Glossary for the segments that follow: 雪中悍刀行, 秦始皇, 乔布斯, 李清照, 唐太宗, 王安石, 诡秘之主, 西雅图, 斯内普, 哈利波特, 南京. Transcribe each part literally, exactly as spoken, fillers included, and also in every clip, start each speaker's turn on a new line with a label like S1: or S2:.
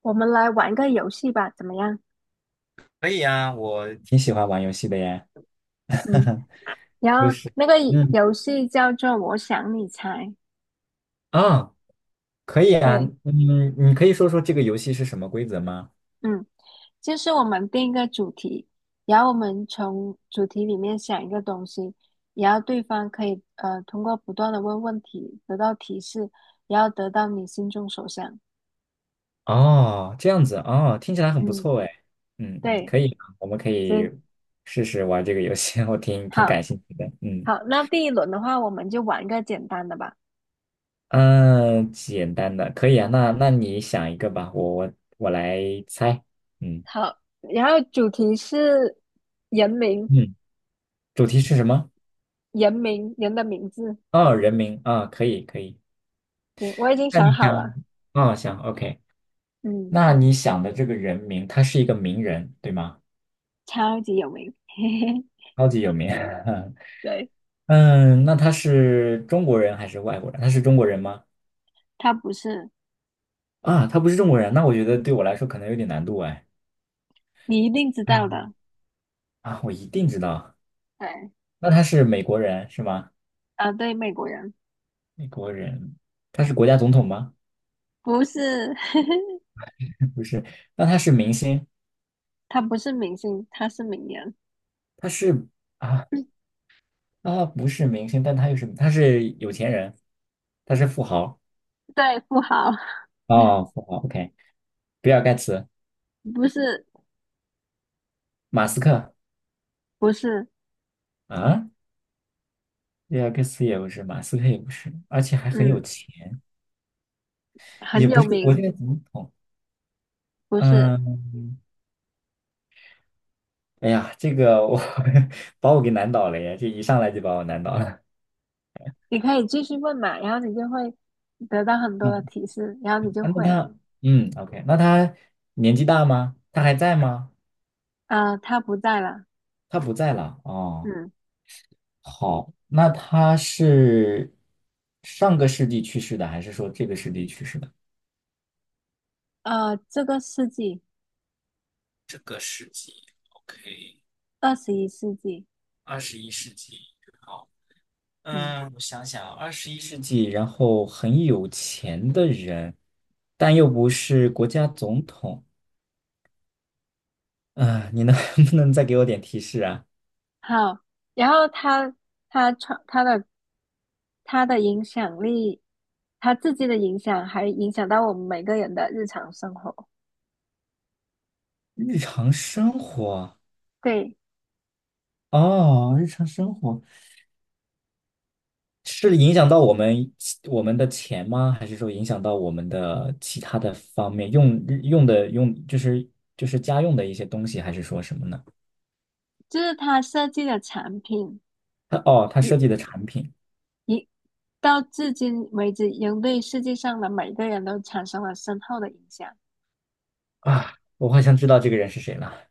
S1: 我们来玩个游戏吧，怎么样？
S2: 可以啊，我挺喜欢玩游戏的耶。
S1: 嗯。然
S2: 就
S1: 后
S2: 是，
S1: 那个
S2: 嗯，
S1: 游戏叫做"我想你猜"。
S2: 啊，可以啊，
S1: 对。
S2: 嗯，你可以说说这个游戏是什么规则吗？
S1: 嗯，就是我们定一个主题，然后我们从主题里面想一个东西，然后对方可以呃通过不断的问问题得到提示，然后得到你心中所想。
S2: 哦，这样子，哦，听起来很不
S1: 嗯。
S2: 错哎。嗯嗯，
S1: 对。
S2: 可以啊，我们可
S1: 行。
S2: 以试试玩这个游戏，我挺挺
S1: 好。
S2: 感兴趣的。嗯
S1: 好，那第一轮的话，我们就玩一个简单的吧。
S2: 嗯，呃简单的，可以啊。那那你想一个吧，我我我来猜。嗯
S1: 好，然后主题是人名。
S2: 嗯，主题是什么？
S1: 人名，人的名字。
S2: 哦，人名啊，可以可以。
S1: 行，我已经
S2: 那
S1: 想
S2: 你
S1: 好
S2: 想，
S1: 了。
S2: 哦，想，OK。
S1: 嗯，
S2: 那你想的这个人名，他是一个名人，对吗？
S1: 超级有名。嘿嘿。
S2: 超级有名。
S1: 对。
S2: 嗯，那他是中国人还是外国人？他是中国人吗？
S1: 他不是。
S2: 啊，他不是中国人，那我觉得对我来说可能有点难度哎。
S1: 你一定知道
S2: 嗯
S1: 的。
S2: 啊，我一定知道。
S1: 对。
S2: 那他是美国人是吗？
S1: 啊，对，美国人。
S2: 美国人，他是国家总统吗？
S1: 不是。
S2: 不是。那他是明星？
S1: 他不是明星，他是名人。
S2: 他是啊，啊，不是明星，但他又是他是有钱人，他是富豪。
S1: 对，富豪。
S2: 哦，富豪。OK,比尔盖茨、
S1: 不是。
S2: 马斯克
S1: 不是。
S2: 啊。列亚克斯也不是，马斯克也不是，而且还很有
S1: 嗯，
S2: 钱，也
S1: 很
S2: 不
S1: 有
S2: 是国家
S1: 名。
S2: 总统。
S1: 不是。
S2: 嗯，哎呀，这个我 把我给难倒了呀，这一上来就把我难倒了。
S1: 你可以继续问嘛，然后你就会得到很多的
S2: 嗯，
S1: 提示，然后你就
S2: 啊那
S1: 会了。
S2: 他，嗯，OK,那他年纪大吗？他还在吗？
S1: 啊，他不在了。
S2: 他不在了。哦，
S1: 嗯。
S2: 好，那他是上个世纪去世的，还是说这个世纪去世的？
S1: 啊，这个世纪。
S2: 这个世纪，OK,
S1: 二十一世纪。
S2: 二十一世纪，好。
S1: 嗯。
S2: 嗯，我想想啊，二十一世纪，然后很有钱的人，但又不是国家总统啊，你能 不能再给我点提示啊？
S1: 好，然后他他创他的他的影响力，他自己的影响还影响到我们每个人的日常生活。
S2: 日常生活
S1: 对，
S2: 哦，日常生活是影响到我们我们的钱吗？还是说影响到我们的其他的方面？用用的用就是就是家用的一些东西，还是说什么呢？
S1: 就是他设计的产品，
S2: 他哦，他
S1: 一
S2: 设计的产品
S1: 一到至今为止，已经对世界上的每个人都产生了深厚的影响。
S2: 啊，我好像知道这个人是谁了，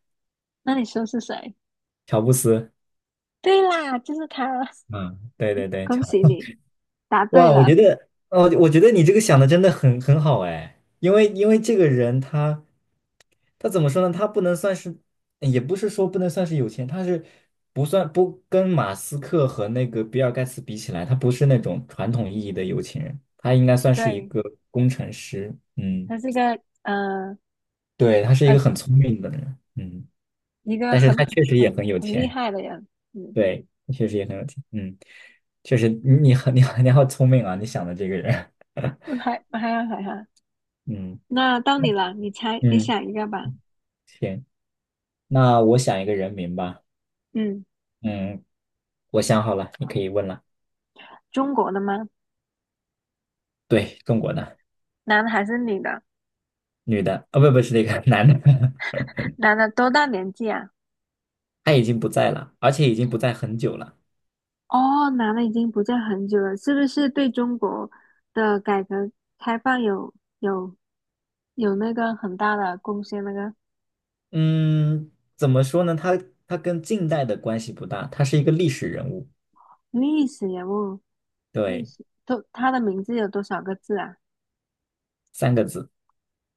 S1: 那你说是谁？
S2: 乔布斯。
S1: 对啦，就是他。
S2: 嗯，对对对，乔。
S1: 恭喜你答对
S2: 哇，我觉
S1: 了。
S2: 得，哦，我觉得你这个想的真的很很好哎，因为因为这个人他他怎么说呢？他不能算是，也不是说不能算是有钱，他是不算不跟马斯克和那个比尔盖茨比起来，他不是那种传统意义的有钱人，他应该算是一
S1: 对，
S2: 个工程师，嗯，
S1: 他是一个呃
S2: 对，他是一个
S1: 呃
S2: 很聪明的人，嗯，
S1: 一个
S2: 但是
S1: 很
S2: 他确实也
S1: 很
S2: 很有
S1: 很厉
S2: 钱，
S1: 害的人。嗯，
S2: 对，确实也很有钱，嗯，确实你你很你很你好聪明啊，你想的这个人，
S1: 还还好还好。
S2: 嗯
S1: 那到你了，你猜，你
S2: 嗯。
S1: 想一个吧。
S2: 行，那我想一个人名吧。
S1: 嗯。
S2: 嗯，我想好了，你可以问了。
S1: 中国的吗？
S2: 对，中国的
S1: 男的还是女的？
S2: 女的，啊，不不是那个 男的，
S1: 男的多大年纪啊？
S2: 他已经不在了，而且已经不在很久了。
S1: 哦，男的已经不在很久了，是不是对中国的改革开放有有有那个很大的贡献？那个
S2: 嗯，怎么说呢？他他跟近代的关系不大，他是一个历史人物。
S1: 历史人物。历
S2: 对，
S1: 史，都，他的名字有多少个字啊？
S2: 三个字。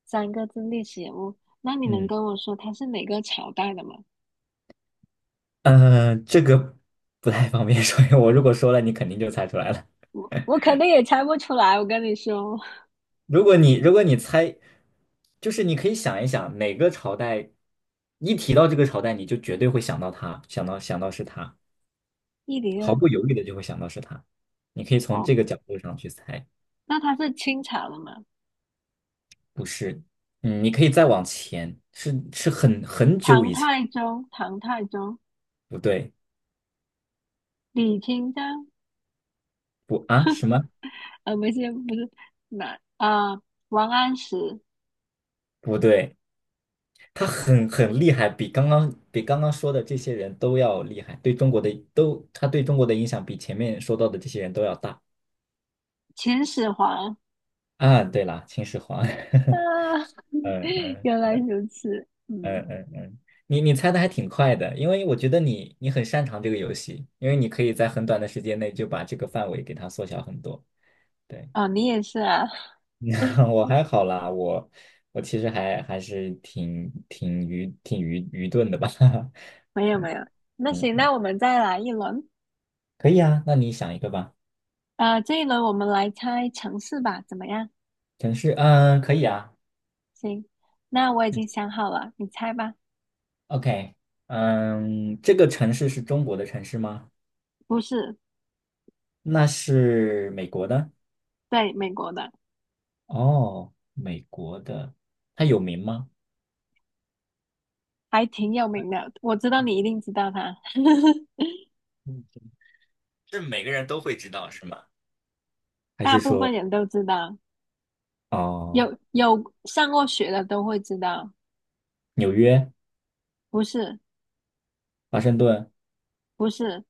S1: 三个字，历史人物。那你能
S2: 嗯，
S1: 跟我说他是哪个朝代的吗？
S2: 呃，这个不太方便说，因为我如果说了，你肯定就猜出来了。
S1: 我肯定也猜不出来，我跟你说。
S2: 如果你如果你猜，就是你可以想一想哪个朝代，一提到这个朝代，你就绝对会想到他，想到想到是他，
S1: 一零
S2: 毫
S1: 二，
S2: 不犹豫的就会想到是他。你可以从
S1: 哦，
S2: 这个角度上去猜，
S1: 那他是清朝的吗？
S2: 不是，嗯，你可以再往前，是是很很久
S1: 唐
S2: 以前，
S1: 太宗，唐太宗。
S2: 不对，
S1: 李清照。
S2: 不啊什 么？
S1: 呃，不是不是。哪啊、王安石。
S2: 不对，他很很厉害，比刚刚比刚刚说的这些人都要厉害，对中国的都，他对中国的影响比前面说到的这些人都要大。
S1: 秦始皇
S2: 啊，对了，秦始皇。
S1: 啊。
S2: 嗯嗯
S1: 原来如此。
S2: 嗯
S1: 嗯。
S2: 嗯嗯，你你猜的还挺快的，因为我觉得你你很擅长这个游戏，因为你可以在很短的时间内就把这个范围给它缩小很多。对，
S1: 哦，你也是啊。
S2: 我还好啦，我我其实还还是挺挺愚挺愚愚钝的吧。
S1: 没有没有。那行，那
S2: 嗯，
S1: 我们再来一轮。
S2: 可以啊，那你想一个吧。
S1: 呃，这一轮我们来猜城市吧，怎么样？
S2: 城市，嗯，可以啊。
S1: 行，那我已
S2: 嗯
S1: 经想好了，你猜吧。
S2: OK,嗯，这个城市是中国的城市吗？
S1: 不是。
S2: 那是美国的。
S1: 对，美国的。
S2: 哦，美国的，它有名吗？
S1: 还挺有名的，我知道你一定知道它。
S2: 是每个人都会知道是吗？还
S1: 大
S2: 是
S1: 部分
S2: 说
S1: 人都知道。
S2: 哦，
S1: 有有上过学的都会知道。
S2: 纽约、
S1: 不是。
S2: 华盛顿、
S1: 不是。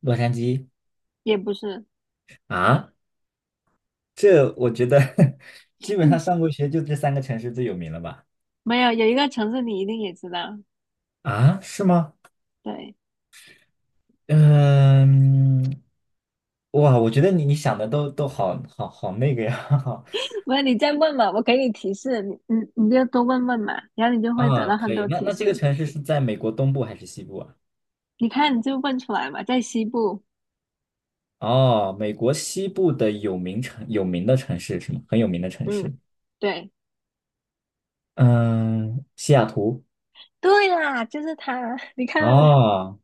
S2: 洛杉矶
S1: 也不是。
S2: 啊？这我觉得 基本上
S1: 嗯。
S2: 上过学就这三个城市最有名了吧？
S1: 没有。有一个城市你一定也知道。
S2: 啊，是吗？
S1: 对。
S2: 嗯，哇，我觉得你你想的都都好好好那个呀。
S1: 不是，你再问嘛，我给你提示，你你你就多问问嘛，然后你就会得
S2: 啊，
S1: 到
S2: 可
S1: 很多
S2: 以。那
S1: 提
S2: 那这个
S1: 示。
S2: 城市是在美国东部还是西部啊？
S1: 你看你就问出来嘛。在西部。
S2: 哦，美国西部的有名城有名的城市是吗？很有名的城
S1: 嗯。
S2: 市。
S1: 对。
S2: 嗯，西雅图。
S1: 对啦，就是它，你看。
S2: 哦，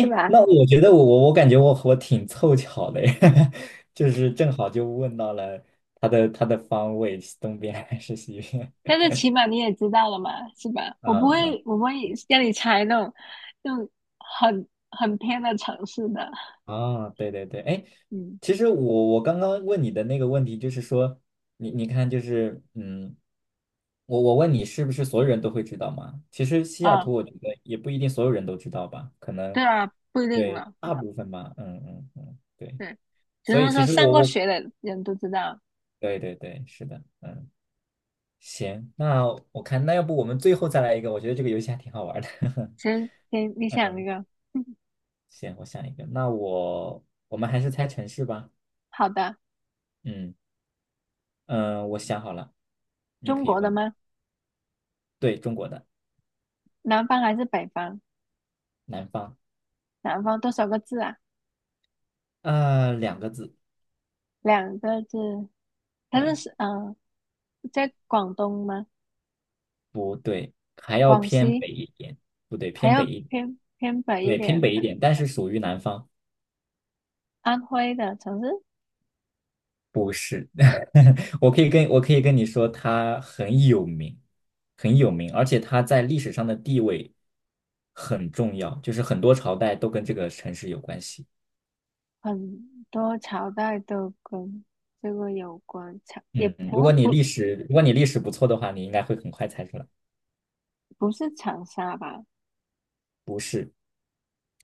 S1: 是吧？
S2: 那我觉得我我我感觉我我挺凑巧的耶，就是正好就问到了它的它的方位，是东边还是西边
S1: 但是起码你也知道了嘛，是吧？我不
S2: 嗯
S1: 会，
S2: 嗯，
S1: 我不会让你猜那种那种很很偏的城市的。
S2: 啊，对对对，哎，
S1: 嗯
S2: 其实我我刚刚问你的那个问题就是说，你你看就是嗯，我我问你是不是所有人都会知道嘛？其实西雅图
S1: 啊。
S2: 我觉得也不一定所有人都知道吧，可能
S1: 对啊，不一定
S2: 对
S1: 了。
S2: 大部分吧，嗯嗯嗯，对，
S1: 对，只
S2: 所以
S1: 能
S2: 其
S1: 说
S2: 实
S1: 上
S2: 我
S1: 过
S2: 我
S1: 学的人都知道。
S2: 对对对，是的，嗯。行，那我看，那要不我们最后再来一个？我觉得这个游戏还挺好玩的。
S1: 行，行，你想一个。
S2: 行，我想一个，那我我们还是猜城市吧。
S1: 好的。
S2: 嗯嗯、呃我想好了，你
S1: 中
S2: 可以
S1: 国的
S2: 问。
S1: 吗？
S2: 对，中国的
S1: 南方还是北方？
S2: 南方，
S1: 南方多少个字啊？
S2: 呃，两个字，
S1: 两个字。它是
S2: 对，
S1: 是嗯、呃在广东吗？
S2: 不对？还要
S1: 广
S2: 偏
S1: 西。
S2: 北一点，不对，
S1: 还
S2: 偏
S1: 要
S2: 北一，
S1: 偏偏北一
S2: 对，偏
S1: 点
S2: 北一
S1: 的。
S2: 点，但是属于南方，
S1: 安徽的城市。
S2: 不是。我可以跟我可以跟你说，他很有名，很有名，而且他在历史上的地位很重要，就是很多朝代都跟这个城市有关系。
S1: 很多朝代都跟这个有关。长也
S2: 嗯，如
S1: 不
S2: 果你
S1: 不
S2: 历史，如果你历史不错的话，你应该会很快猜出来。
S1: 不是长沙吧？
S2: 是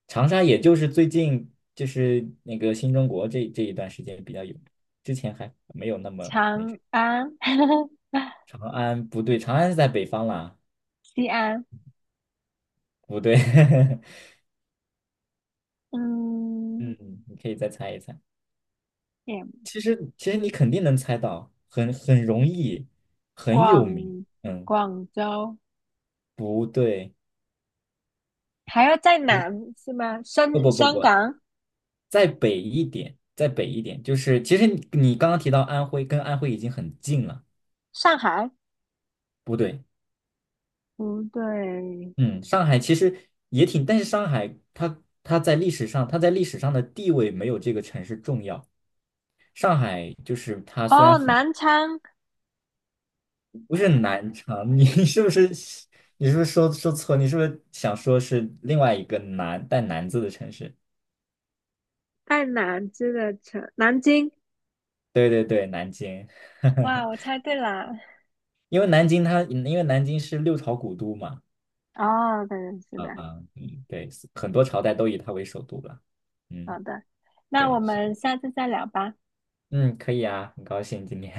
S2: 长沙，也就是最近就是那个新中国这这一段时间比较有名，之前还没有那么那什
S1: 长
S2: 么。
S1: 安。
S2: 长安不对，长安是在北方啦，
S1: 西安。
S2: 不对。
S1: 嗯。
S2: 嗯，你可以再猜一猜。
S1: 也
S2: 其实其实你肯定能猜到，很很容易，很有名。
S1: 广
S2: 嗯，
S1: 广州，
S2: 不对，
S1: 还要再
S2: 你
S1: 南是吗？
S2: 不
S1: 深
S2: 不不
S1: 香
S2: 不，
S1: 港。
S2: 再北一点，再北一点，就是其实你你刚刚提到安徽，跟安徽已经很近了。
S1: 上海？
S2: 不对，
S1: 不对。
S2: 嗯，上海其实也挺，但是上海它它在历史上它在历史上的地位没有这个城市重要。上海就是它虽然
S1: 哦，
S2: 很
S1: 南昌。
S2: 不是南昌，你 是不是你是不是说说错？你是不是想说是另外一个南带"南"字的城市？
S1: 在南这个城，南京。
S2: 对对对，南京，
S1: 哇，我猜对了。
S2: 因为南京它因为南京是六朝古都嘛，
S1: 哦，对，是的。
S2: 啊、
S1: 嗯，
S2: 嗯，对，很多朝代都以它为首都了，嗯，
S1: 好的，那我
S2: 对，是，
S1: 们下次再聊吧。
S2: 嗯，可以啊，很高兴今天，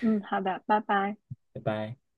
S1: 嗯，好的，拜拜。
S2: 拜拜。